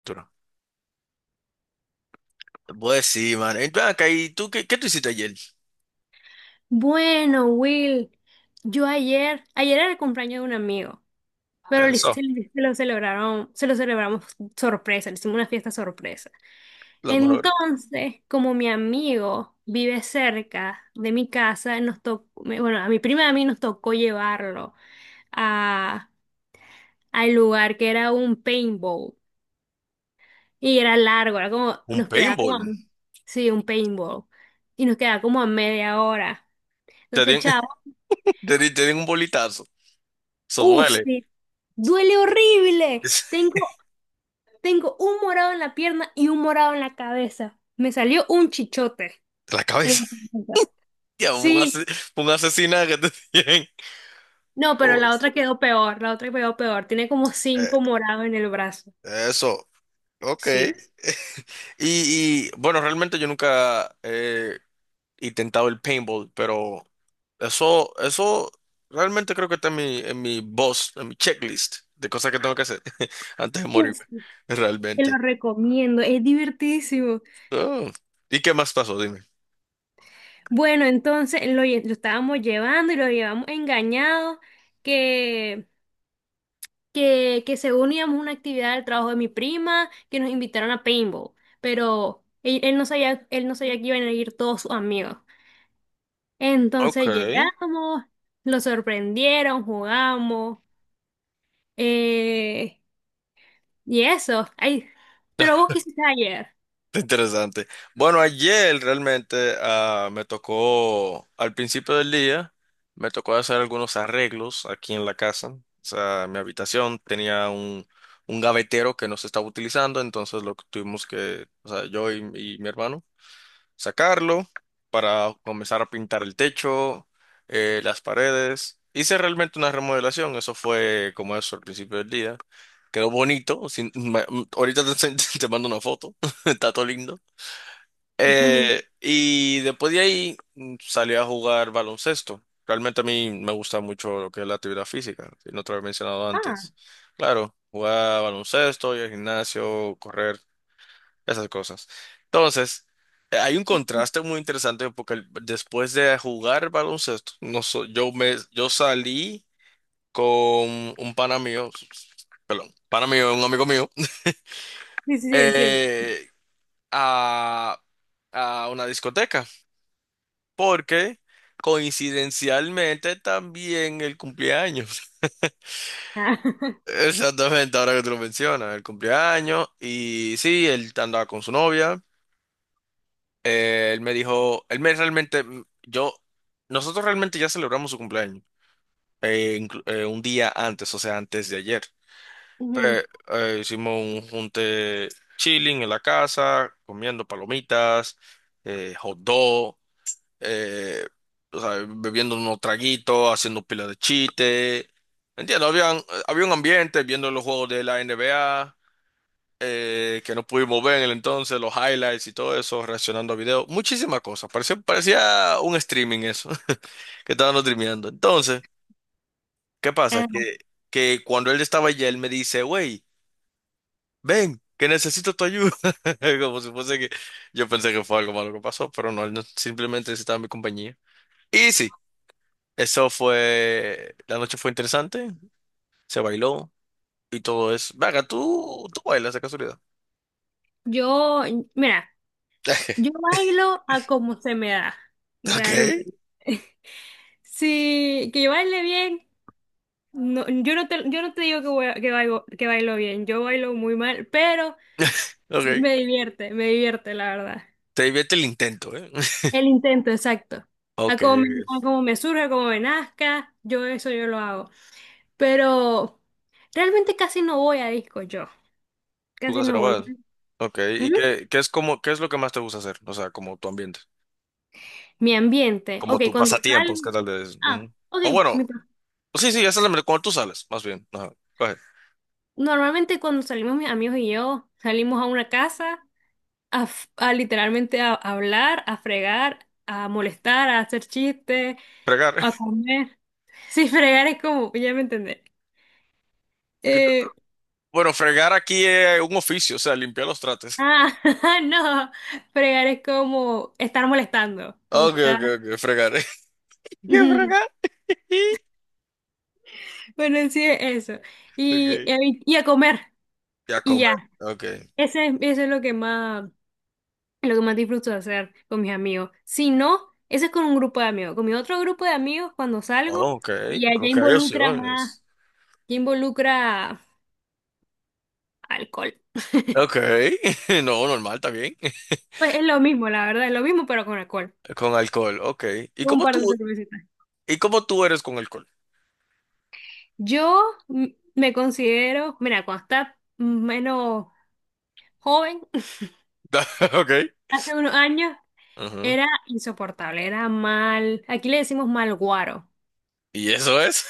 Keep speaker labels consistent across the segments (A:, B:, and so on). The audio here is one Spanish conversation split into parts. A: Arturo. Pues sí, man. Entonces acá, ¿y tú qué, qué tú hiciste ayer?
B: Bueno, Will, yo ayer era el cumpleaños de un amigo, pero se
A: Eso,
B: se lo celebraron, se lo celebramos sorpresa, le hicimos una fiesta sorpresa.
A: lo mejor.
B: Entonces, como mi amigo vive cerca de mi casa, nos tocó, bueno, a mi prima y a mí nos tocó llevarlo a, al lugar que era un paintball. Y era largo, era como,
A: Un
B: nos quedaba como,
A: paintball.
B: sí, un paintball. Y nos quedaba como a media hora.
A: Te
B: Entonces,
A: dieron,
B: chao.
A: te dieron un bolitazo. Eso
B: Uh,
A: duele.
B: sí. Duele horrible. Tengo, tengo un morado en la pierna y un morado en la cabeza. Me salió un chichote
A: De la
B: en
A: cabeza.
B: la cabeza.
A: Ya,
B: Sí.
A: un asesinato que te dieron.
B: No, pero la
A: Pues,
B: otra quedó peor. La otra quedó peor. Tiene como
A: eh,
B: cinco morados en el brazo.
A: eso, ok.
B: Sí.
A: Bueno, realmente yo nunca he intentado el paintball, pero eso realmente creo que está en mi boss, en mi checklist de cosas que tengo que hacer antes de
B: Uf,
A: morirme,
B: te
A: realmente.
B: lo recomiendo, es divertidísimo.
A: Oh, ¿Y qué más pasó? Dime.
B: Bueno, entonces lo estábamos llevando y lo llevamos engañado, que que según íbamos a una actividad del trabajo de mi prima, que nos invitaron a paintball, pero él no sabía, que iban a ir todos sus amigos.
A: Ok,
B: Entonces llegamos, lo sorprendieron, jugamos, eh, y eso. Ay, pero vos quisiste ayer.
A: interesante. Bueno, ayer realmente me tocó, al principio del día, me tocó hacer algunos arreglos aquí en la casa. O sea, mi habitación tenía un gavetero que no se estaba utilizando, entonces lo que tuvimos que, o sea, yo y mi hermano. Sacarlo para comenzar a pintar el techo, las paredes. Hice realmente una remodelación, eso fue como eso al principio del día. Quedó bonito, ahorita te, te mando una foto, está todo lindo.
B: Ujú.
A: Y después de ahí salí a jugar baloncesto. Realmente a mí me gusta mucho lo que es la actividad física, si no te lo había mencionado
B: Ah,
A: antes. Claro, jugar baloncesto, ir al gimnasio, correr esas cosas. Entonces, hay un
B: ujú.
A: contraste muy interesante porque después de jugar baloncesto, no so- yo salí con un pana mío, perdón, pana mío, un amigo mío,
B: Sí, sí, sí, entiendo.
A: eh, a, a una discoteca porque coincidencialmente también el cumpleaños.
B: Ah,
A: Exactamente, ahora que tú lo mencionas, el cumpleaños y sí, él andaba con su novia. Él me dijo, él me realmente, nosotros realmente ya celebramos su cumpleaños, un día antes, o sea, antes de ayer.
B: ujú.
A: Pe- hicimos un junte chilling en la casa, comiendo palomitas, hot dog, eh, o sea, bebiendo unos traguitos, haciendo pila de chiste. Entiendo, había un ambiente, viendo los juegos de la NBA que no pudimos ver en el entonces, los highlights y todo eso, reaccionando a videos, muchísimas cosas. Parecía un streaming eso, que estaban streameando. Entonces, ¿qué pasa?
B: Ah,
A: Que cuando él estaba allá, él me dice, wey, ven, que necesito tu ayuda. Como si fuese que yo pensé que fue algo malo que pasó, pero no, él no- simplemente necesitaba mi compañía. Y sí, eso fue, la noche fue interesante, se bailó y todo eso. Venga, tú bailas de casualidad.
B: yo, mira, yo bailo a como se me da,
A: Ok,
B: realmente. Sí, que yo baile bien. No, yo no te digo que, que bailo bien, yo bailo muy mal, pero
A: ok.
B: me divierte, la verdad.
A: Te divierte el intento, ¿eh?
B: El intento, exacto. A
A: Ok.
B: como me, a como me surge, a como me nazca, yo eso yo lo hago. Pero realmente casi no voy a disco yo,
A: Tú
B: casi no voy.
A: Casanova. Ok. ¿Y
B: Ujú.
A: qué, qué es como, qué es lo que más te gusta hacer? O sea, como tu ambiente.
B: Mi ambiente,
A: Como
B: ok,
A: tu
B: cuando salgo,
A: pasatiempos, ¿qué tal de eso?
B: ah,
A: Ujú.
B: ok,
A: O bueno,
B: mi pa-
A: sí, esa es cuando tú sales, más bien. Ajá. Coge.
B: normalmente cuando salimos mis amigos y yo, salimos a una casa, a literalmente a hablar, a fregar, a molestar, a hacer chistes,
A: Fregar.
B: a comer. Sí, fregar es como, ya me entendé. Eh,
A: Bueno, fregar aquí es un oficio, o sea, limpiar los trates.
B: ah, no, fregar es como estar molestando, como
A: Ok,
B: estar.
A: ok, ok. Fregar. ¿Qué
B: Ujú.
A: fregar? Y.
B: Bueno, sí, es eso. Y,
A: Ok.
B: eh, y, y a comer,
A: Ya
B: y
A: comer.
B: ya.
A: Ok.
B: Eso es lo que más disfruto de hacer con mis amigos. Si no, eso es con un grupo de amigos. Con mi otro grupo de amigos, cuando
A: Oh,
B: salgo,
A: ok.
B: ya,
A: Creo
B: ya
A: que hay
B: involucra más.
A: opciones.
B: Ya involucra alcohol.
A: Ok. No, normal, está bien.
B: Pues es lo mismo, la verdad, es lo mismo, pero con alcohol.
A: Con alcohol, ok. ¿Y
B: Un
A: cómo
B: par
A: tú?
B: de cervecitas.
A: ¿Y cómo tú eres con alcohol?
B: Yo mm, me considero, mira, cuando estaba menos joven,
A: Ok.
B: hace unos años,
A: Ujú.
B: era insoportable, era mal, aquí le decimos mal guaro.
A: ¿Y eso es?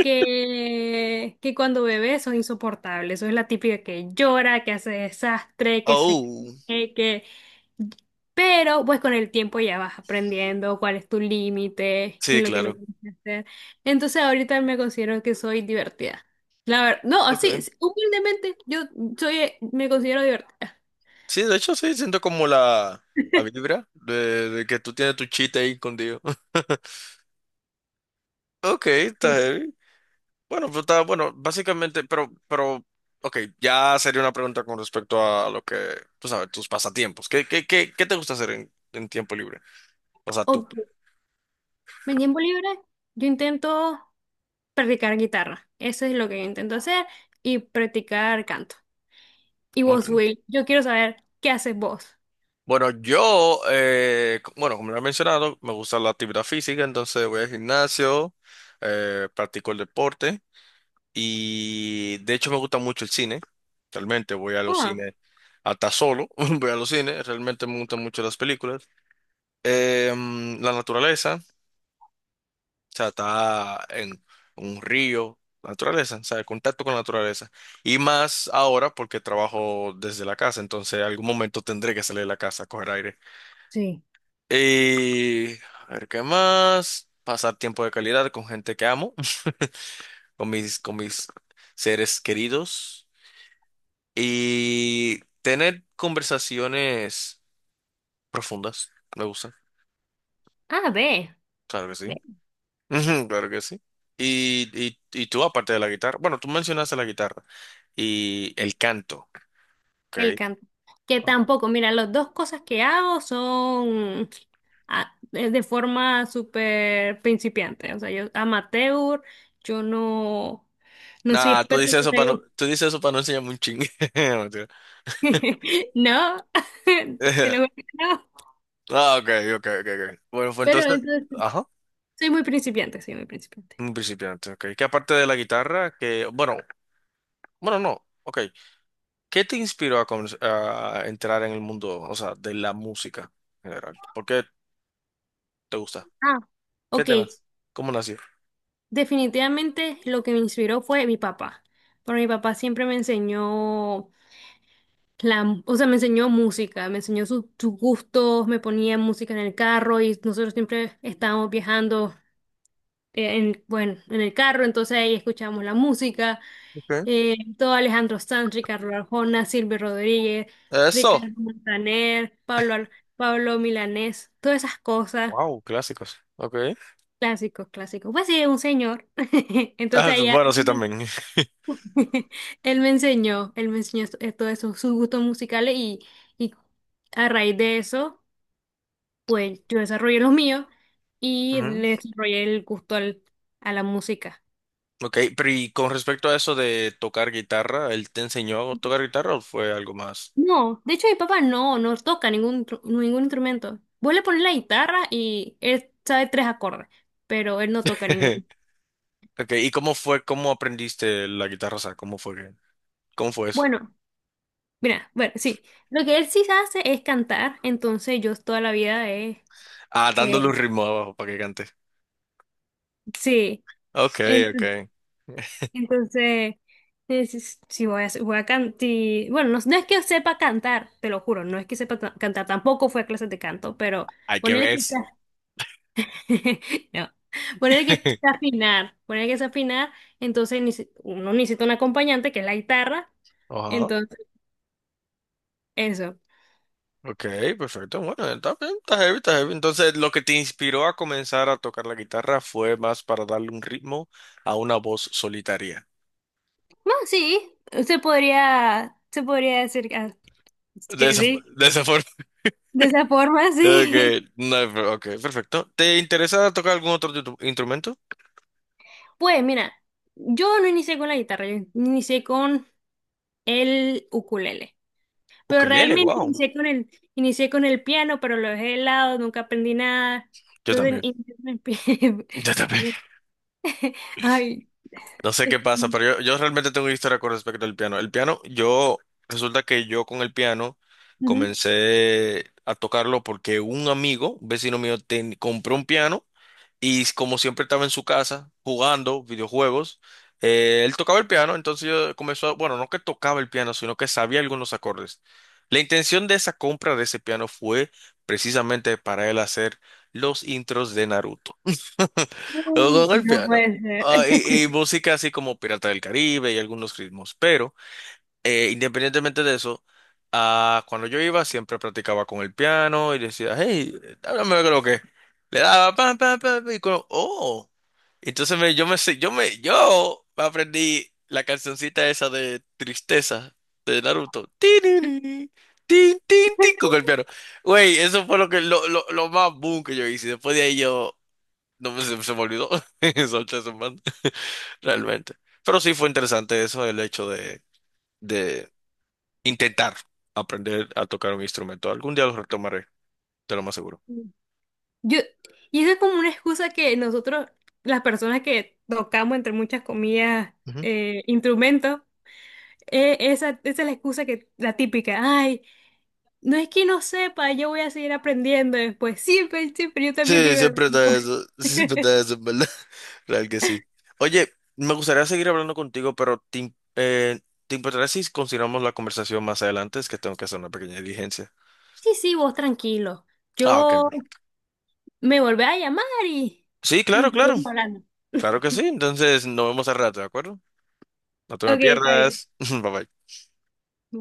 B: Que cuando bebé sos insoportable. Eso es la típica que llora, que hace desastre. que se...
A: Oh.
B: que... que- Pero pues con el tiempo ya vas aprendiendo cuál es tu límite, qué
A: Sí,
B: es lo que no
A: claro.
B: tienes que hacer. Entonces ahorita me considero que soy divertida. La verdad, no, así,
A: Okay.
B: humildemente yo soy, me considero divertida.
A: Sí, de hecho, sí, siento como la vibra de que tú tienes tu chiste ahí escondido. Ok, está heavy. Bueno, pues está, bueno, básicamente, ok, ya sería una pregunta con respecto a lo que, tú sabes, tus pasatiempos. ¿Qué, qué, qué, qué te gusta hacer en tiempo libre? O sea, tú.
B: Ok. Mi tiempo libre, yo intento practicar guitarra. Eso es lo que yo intento hacer y practicar canto. Y vos,
A: Ok.
B: Will, yo quiero saber qué haces vos.
A: Bueno, yo, bueno, como lo he mencionado, me gusta la actividad física, entonces voy al gimnasio, practico el deporte y de hecho me gusta mucho el cine. Realmente voy a los
B: Ah,
A: cines hasta solo, voy a los cines, realmente me gustan mucho las películas. La naturaleza, o sea, está en un río, la naturaleza, o sea, el contacto con la naturaleza. Y más ahora porque trabajo desde la casa, entonces algún momento tendré que salir de la casa a coger aire.
B: sí.
A: Y a ver qué más. Pasar tiempo de calidad con gente que amo, con mis seres queridos. Y tener conversaciones profundas. Me gusta.
B: Ah, ve,
A: Claro que
B: ve,
A: sí. Ujú, claro que sí. Y tú, aparte de la guitarra, bueno, tú mencionaste la guitarra y el canto, ¿ok?
B: el canto. Que
A: Ok.
B: tampoco, mira, las dos cosas que hago son de forma súper principiante. O sea, yo amateur, yo no soy
A: Nah,
B: experta en el taller.
A: tú dices eso para no enseñarme un chingue. Mentira.
B: No, te lo juro que no.
A: Ok, ok, ok, ok. Bueno, fue
B: Pero
A: entonces,
B: entonces.
A: ajá.
B: Soy muy principiante, soy muy principiante.
A: Un principiante, ok. Que aparte de la guitarra, que, bueno, bueno, no, ok. ¿Qué te inspiró a, a entrar en el mundo, o sea, de la música en general? ¿Por qué te gusta?
B: Ah,
A: ¿Qué
B: ok,
A: te nace? ¿Cómo nació?
B: definitivamente lo que me inspiró fue mi papá, porque mi papá siempre me enseñó o sea, me enseñó música, me enseñó sus gustos, me ponía música en el carro y nosotros siempre estábamos viajando, bueno, en el carro, entonces ahí escuchábamos la música,
A: Okay.
B: todo Alejandro Sanz, Ricardo Arjona, Silvio Rodríguez,
A: Eso.
B: Ricardo Montaner, Pablo Milanés, todas esas cosas.
A: Wow, clásicos. Ok.
B: Clásicos, clásicos. Pues sí, un señor.
A: Ah,
B: Entonces
A: bueno,
B: él
A: sí,
B: me
A: también.
B: él me enseñó todos esos sus gustos musicales, y a raíz de eso, pues yo desarrollé los míos y
A: Ujú.
B: le desarrollé el gusto a la música.
A: Ok, pero y con respecto a eso de tocar guitarra, ¿él te enseñó a tocar guitarra o fue algo más?
B: No, de hecho mi papá no toca ningún instrumento. Vos le pones la guitarra y él sabe tres acordes, pero él no toca ninguno.
A: Ok, ¿y cómo fue, cómo aprendiste la guitarra? O sea, ¿cómo fue que, cómo fue eso?
B: Bueno, mira, bueno, sí. Lo que él sí hace es cantar, entonces yo toda la vida he...
A: Ah, dándole un ritmo abajo para que cante.
B: Sí,
A: Ok,
B: ent-
A: ok.
B: entonces, es- si voy a cantar, bueno, no, no es que sepa cantar, te lo juro, no es que sepa cantar, tampoco fue a clases de canto, pero
A: Hay que
B: ponerle
A: ver.
B: que sea- no, ponerle que sea afinar, ponerle que sea afinar, entonces ni si- uno necesita un acompañante que es la guitarra,
A: Ajá.
B: entonces, eso.
A: Ok, perfecto. Bueno, está bien, está heavy. Entonces, lo que te inspiró a comenzar a tocar la guitarra fue más para darle un ritmo a una voz solitaria.
B: Bueno, sí, se podría decir que ah,
A: De
B: que
A: esa,
B: sí,
A: de esa forma.
B: de esa forma, sí.
A: Ok, no, ok, perfecto. ¿Te interesa tocar algún otro instrumento?
B: Pues mira, yo no inicié con la guitarra, yo inicié con el ukulele. Pero
A: Ukelele,
B: realmente
A: wow.
B: inicié con el piano, pero lo dejé de lado, nunca aprendí nada.
A: Yo
B: Entonces,
A: también.
B: inicié con el
A: Yo
B: es
A: también.
B: que, ay,
A: No sé qué
B: es-
A: pasa, pero yo realmente tengo una historia con respecto al piano. Resulta que yo con el piano
B: ujú.
A: comencé a tocarlo porque un amigo, un vecino mío, compró un piano y como siempre estaba en su casa jugando videojuegos, él tocaba el piano, entonces yo comenzó, bueno, no que tocaba el piano, sino que sabía algunos acordes. La intención de esa compra de ese piano fue precisamente para él hacer los intros de Naruto. Con el
B: No
A: piano.
B: puede ser.
A: Ah, y música así como Pirata del Caribe y algunos ritmos, pero independientemente de eso, cuando yo iba siempre practicaba con el piano y decía, hey, háblame de lo que. Es". Le daba pam, pam, pam, pam, y con, oh. Entonces me, yo me sé- yo me, yo aprendí la cancioncita esa de Tristeza de Naruto. Tin, tin, tin, tin, tin, tin, con el piano. Güey, eso fue lo que, lo más boom que yo hice. Después de ahí yo, no me, se me olvidó. Solté ese man, realmente. Pero sí fue interesante eso, el hecho de, intentar aprender a tocar un instrumento. Algún día lo retomaré, te lo más seguro.
B: Yo, y eso es como una excusa que nosotros, las personas que tocamos, entre muchas comillas,
A: Ujú.
B: instrumentos, esa es la excusa que, la típica, ay, no es que no sepa, yo voy a seguir aprendiendo después. Siempre, siempre, yo también
A: Sí,
B: digo lo
A: siempre
B: mismo.
A: está eso. Sí, siempre está eso, en verdad. Real que sí. Oye, me gustaría seguir hablando contigo, pero ¿te importaría si continuamos la conversación más adelante? Es que tengo que hacer una pequeña diligencia.
B: Sí, sí, vos tranquilo.
A: Ah, ok.
B: Yo
A: Perfecto.
B: me volví a llamar y,
A: Sí,
B: y
A: claro, claro.
B: volvemos hablando.
A: Claro que sí. Entonces, nos vemos al rato, ¿de acuerdo? No te me
B: Ok, está bien.
A: pierdas. Bye bye.